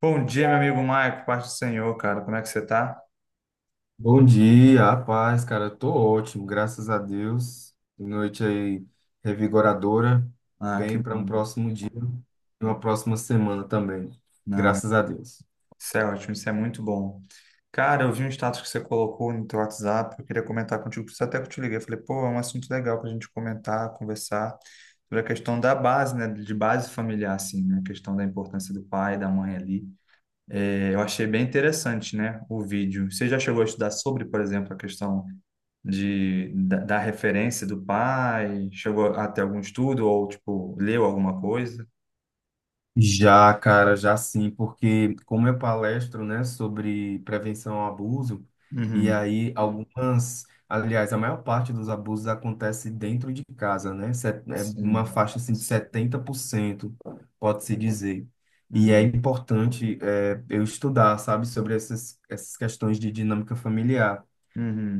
Bom dia, meu amigo Maico, paz do Senhor, cara. Como é que você tá? Bom dia, a paz, cara. Eu tô ótimo, graças a Deus. Noite aí revigoradora, Ah, que bem para um bom. próximo dia, e uma próxima semana também. Não, Graças a Deus. isso é ótimo, isso é muito bom. Cara, eu vi um status que você colocou no teu WhatsApp, eu queria comentar contigo, por isso até que eu te liguei. Eu falei, pô, é um assunto legal pra gente comentar, conversar sobre a questão da base, né, de base familiar, assim, né, a questão da importância do pai, da mãe ali. É, eu achei bem interessante, né, o vídeo. Você já chegou a estudar sobre, por exemplo, a questão da referência do pai? Chegou a ter algum estudo ou, tipo, leu alguma coisa? Já, cara, já sim, porque como eu palestro, né, sobre prevenção ao abuso, e Uhum, aí algumas, aliás, a maior parte dos abusos acontece dentro de casa, né? É uma sim. faixa assim de 70%, pode-se dizer. E é Uhum, importante eu estudar, sabe, sobre essas questões de dinâmica familiar.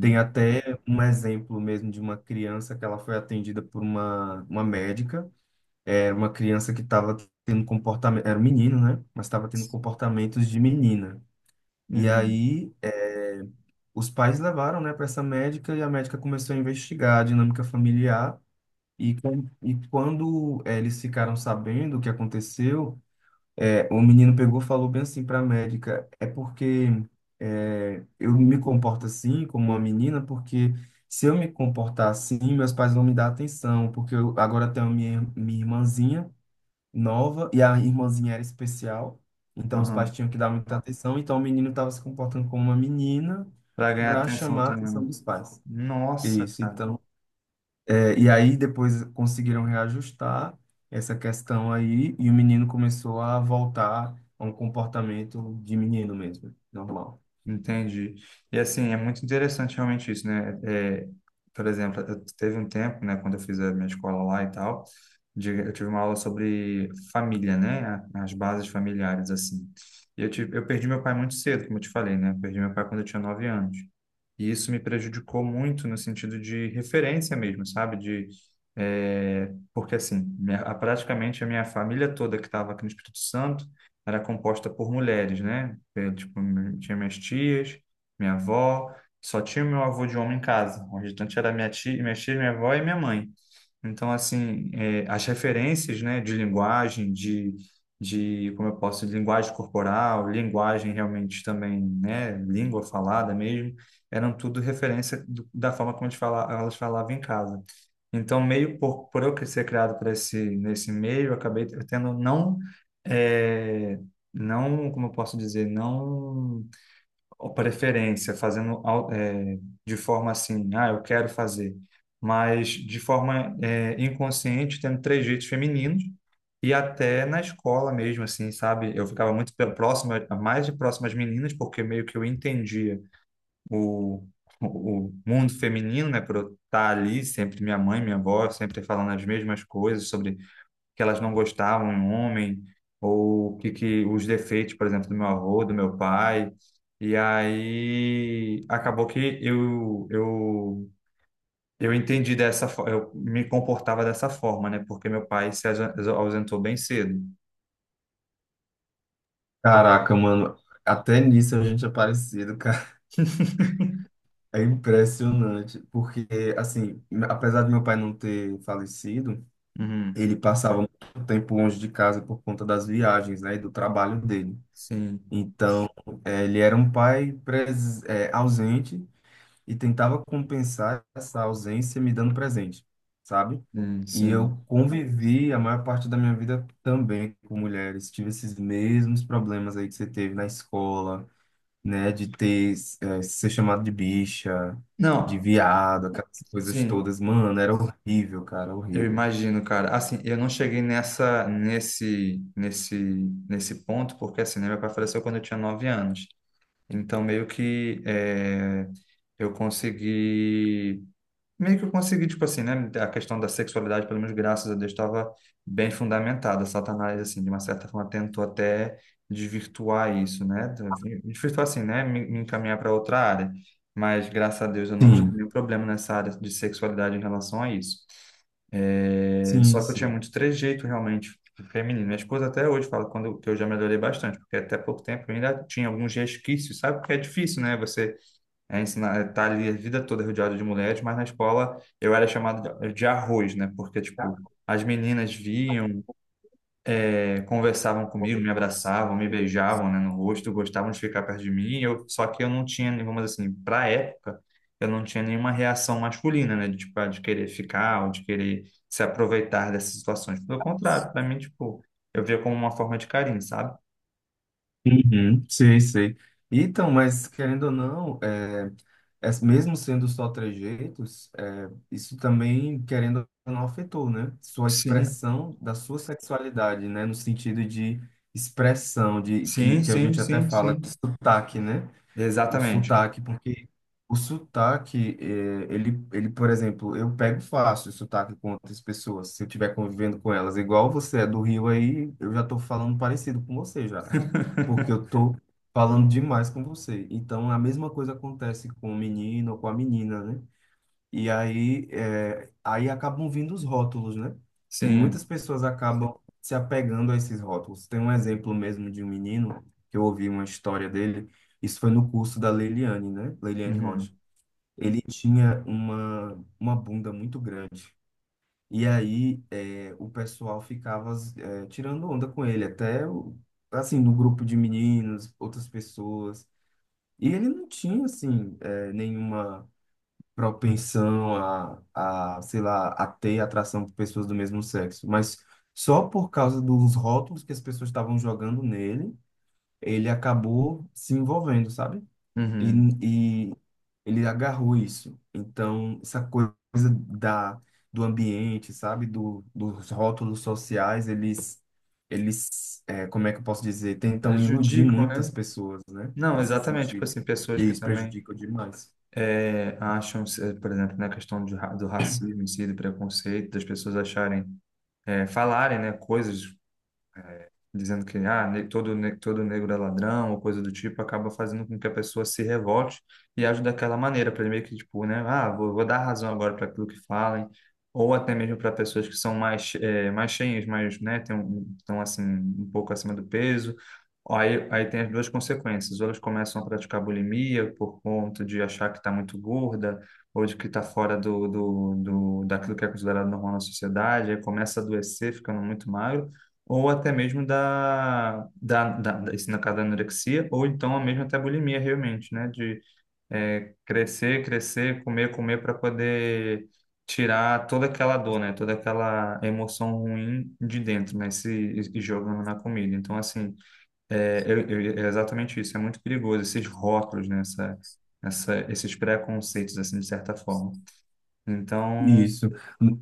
Tem até um exemplo mesmo de uma criança que ela foi atendida por uma médica, era uma criança que estava tendo comportamento, era um menino, né? Mas estava tendo comportamentos de menina. uhum, E uhum. aí, os pais levaram, né, para essa médica e a médica começou a investigar a dinâmica familiar. E, quando eles ficaram sabendo o que aconteceu, o menino pegou e falou bem assim para a médica: é porque eu me comporto assim, como uma menina, porque. Se eu me comportar assim, meus pais vão me dar atenção, porque eu agora tenho minha irmãzinha nova e a irmãzinha era especial, então os pais Aham. tinham que dar muita atenção, então o menino estava se comportando como uma menina Pra ganhar para atenção chamar a também, atenção né? dos pais. Nossa. Isso, então. E aí depois conseguiram reajustar essa questão aí e o menino começou a voltar a um comportamento de menino mesmo, normal. Entendi. E assim, é muito interessante realmente isso, né? É, por exemplo, teve um tempo, né, quando eu fiz a minha escola lá e tal, eu tive uma aula sobre família, né? As bases familiares, assim. E eu perdi meu pai muito cedo, como eu te falei, né? Eu perdi meu pai quando eu tinha 9 anos. E isso me prejudicou muito no sentido de referência mesmo, sabe? De, é, porque assim, praticamente a minha família toda que estava aqui no Espírito Santo era composta por mulheres, né? Tipo, tinha minhas tias, minha avó, só tinha meu avô de homem em casa. O restante era minha tia, minha tia, minha avó e minha mãe. Então, assim, as referências, né, de linguagem, como eu posso, de linguagem corporal, linguagem realmente também, né, língua falada mesmo, eram tudo referência da forma como a gente fala, elas falavam em casa. Então, meio por eu ser criado nesse meio, eu acabei tendo não, eh, não, como eu posso dizer, não ó, preferência, de forma assim, ah, eu quero fazer, mas de forma inconsciente, tendo trejeitos femininos e até na escola mesmo, assim, sabe? Eu ficava muito próximo, mais de próximo às meninas, porque meio que eu entendia o, o mundo feminino, né, por eu estar ali, sempre minha mãe, minha avó, sempre falando as mesmas coisas sobre que elas não gostavam em homem, ou o que, que os defeitos, por exemplo, do meu avô, do meu pai. E aí acabou que eu entendi dessa forma, eu me comportava dessa forma, né, porque meu pai se ausentou bem cedo. Caraca, mano, até nisso a gente é parecido, cara. É impressionante, porque assim, apesar de meu pai não ter falecido, Uhum. ele passava muito tempo longe de casa por conta das viagens, né, e do trabalho dele. Sim, Então, ele era um pai ausente, e tentava compensar essa ausência me dando presente, sabe? sim, E eu sim. convivi a maior parte da minha vida também com mulheres. Tive esses mesmos problemas aí que você teve na escola, né, de ter, ser chamado de bicha, de Não, viado, aquelas coisas sim. todas. Mano, era horrível, cara, Eu horrível. imagino, cara. Assim, eu não cheguei nesse ponto, porque assim, né, meu pai faleceu quando eu tinha 9 anos. Então, meio que eu consegui meio que eu consegui, tipo assim, né? A questão da sexualidade, pelo menos graças a Deus, estava bem fundamentada. Satanás, assim, de uma certa forma, tentou até desvirtuar isso, né? Desvirtuar assim, né? Me encaminhar para outra área. Mas graças a Deus eu não tive Sim, nenhum problema nessa área de sexualidade em relação a isso. É, sim, só que eu tinha sim. muito trejeito realmente feminino. Minha esposa até hoje fala que eu já melhorei bastante, porque até pouco tempo eu ainda tinha alguns resquícios, sabe? Porque é difícil, né? Você é ensinar, tá ali a vida toda rodeado de mulheres, mas na escola eu era chamado de arroz, né? Porque, tipo, as meninas vinham, conversavam Bom, comigo, me abraçavam, me beijavam, né, no rosto, gostavam de ficar perto de mim. Só que eu não tinha, vamos dizer assim, pra época, eu não tinha nenhuma reação masculina, né? De, tipo, ah, de querer ficar ou de querer se aproveitar dessas situações. Pelo contrário, pra mim, tipo, eu via como uma forma de carinho, sabe? uhum, sei, sei. Então, mas querendo ou não, mesmo sendo só trejeitos, isso também, querendo ou não, afetou, né? Sua Sim, expressão da sua sexualidade, né? No sentido de expressão, de sim, que a sim, gente até sim, fala sim. de sotaque, né? O Exatamente. sotaque, porque o sotaque, ele, por exemplo, eu pego fácil o sotaque com outras pessoas, se eu estiver convivendo com elas. Igual você é do Rio aí, eu já estou falando parecido com você já, porque eu tô falando demais com você. Então, a mesma coisa acontece com o menino ou com a menina, né? E aí, aí acabam vindo os rótulos, né? E Sim. muitas pessoas acabam se apegando a esses rótulos. Tem um exemplo mesmo de um menino, que eu ouvi uma história dele, isso foi no curso da Leiliane, né? Leiliane Uhum. Rocha. Ele tinha uma bunda muito grande. E aí o pessoal ficava tirando onda com ele, até assim, no grupo de meninos, outras pessoas. E ele não tinha, assim, nenhuma propensão a, sei lá, a ter atração por pessoas do mesmo sexo. Mas só por causa dos rótulos que as pessoas estavam jogando nele, ele acabou se envolvendo, sabe? E, Uhum. e ele agarrou isso. Então, essa coisa da, do ambiente, sabe? Dos rótulos sociais, eles como é que eu posso dizer? Tentam iludir Prejudicam, muitas né? pessoas, né? Não, Nesse exatamente. Tipo sentido. assim, pessoas E que isso também prejudica demais. Acham, por exemplo, na questão de do racismo em si, do preconceito, das pessoas acharem, falarem, né, coisas dizendo que ah, todo negro é ladrão ou coisa do tipo, acaba fazendo com que a pessoa se revolte e age daquela maneira, para meio que, tipo, né, ah, vou dar razão agora para aquilo que falem, ou até mesmo para pessoas que são mais, mais cheias, mais, né, tem estão assim, um pouco acima do peso. Aí tem as duas consequências, ou elas começam a praticar bulimia por conta de achar que está muito gorda, ou de que está fora daquilo que é considerado normal na sociedade, aí começa a adoecer, ficando muito magro, ou até mesmo da isso na caso da anorexia, ou então a mesma até bulimia realmente, né? De crescer, crescer, comer, comer para poder tirar toda aquela dor, né? Toda aquela emoção ruim de dentro, né? Se, e jogando na comida. Então, assim, é exatamente isso. É muito perigoso esses rótulos, né? Esses preconceitos, assim, de certa forma. Então, Isso. No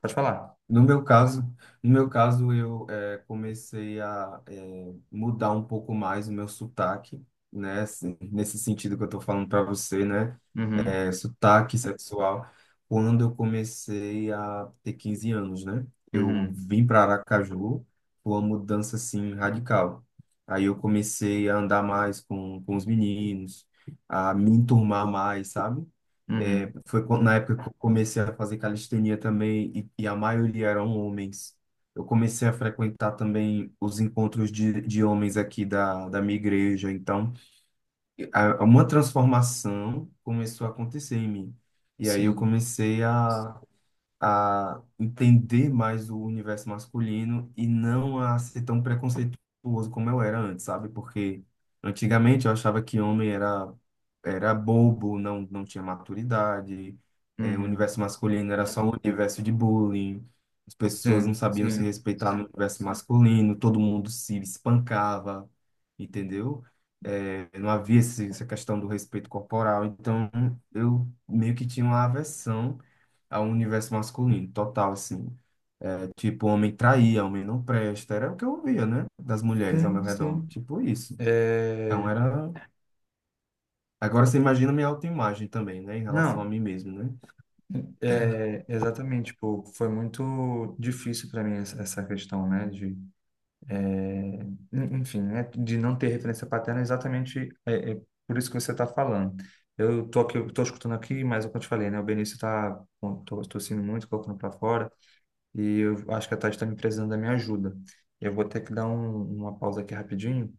pode falar. no meu caso, no meu caso, eu comecei a mudar um pouco mais o meu sotaque, né? Assim, nesse sentido que eu tô falando para você, né? Uhum, Sotaque sexual, quando eu comecei a ter 15 anos, né? Eu uhum, vim para Aracaju, foi uma mudança assim radical. Aí eu comecei a andar mais com os meninos, a me enturmar mais, sabe? É, uhum. foi quando- na época que eu comecei a fazer calistenia também, e, a maioria eram homens. Eu comecei a frequentar também os encontros de homens aqui da minha igreja, então uma transformação começou a acontecer em mim. E aí eu Sim. comecei a entender mais o universo masculino e não a ser tão preconceituoso como eu era antes, sabe? Porque antigamente eu achava que homem era bobo, não tinha maturidade, o Uhum. universo masculino era só um universo de bullying, as pessoas não Sim, sabiam se sim, respeitar no universo masculino, todo mundo se espancava, entendeu? Não havia essa questão do respeito corporal, então eu meio que tinha uma aversão ao universo masculino, total, assim. É tipo, homem traía, homem não presta. Era o que eu ouvia, né? Das mulheres ao meu sim, redor. sim. Tipo isso. Então É, era. Agora você imagina minha autoimagem também, né? Em relação a não, mim mesmo, né? Exatamente, tipo, foi muito difícil para mim essa questão, né, de, é, enfim, né, de não ter referência paterna, exatamente é por isso que você está falando. Eu tô aqui, eu tô escutando aqui, mas é o que eu te falei, né, o Benício tô, tossindo muito, colocando para fora, e eu acho que a Tati está me precisando da minha ajuda. Eu vou ter que dar uma pausa aqui rapidinho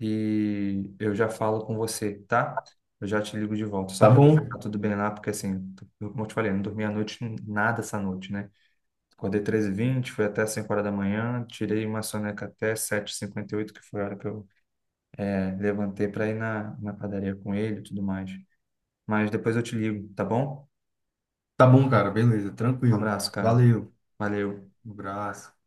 e eu já falo com você, tá? Eu já te ligo de volta, só Tá para tá bom, tudo bem lá, porque assim, como eu te falei, não dormi a noite nada essa noite, né? Acordei 13 e vinte, fui até 5 horas da manhã, tirei uma soneca até 7:58, que foi a hora que eu levantei para ir na padaria com ele e tudo mais. Mas depois eu te ligo, tá bom? tá bom, cara. Beleza, Um tranquilo. abraço, cara. Valeu. Valeu. Um abraço.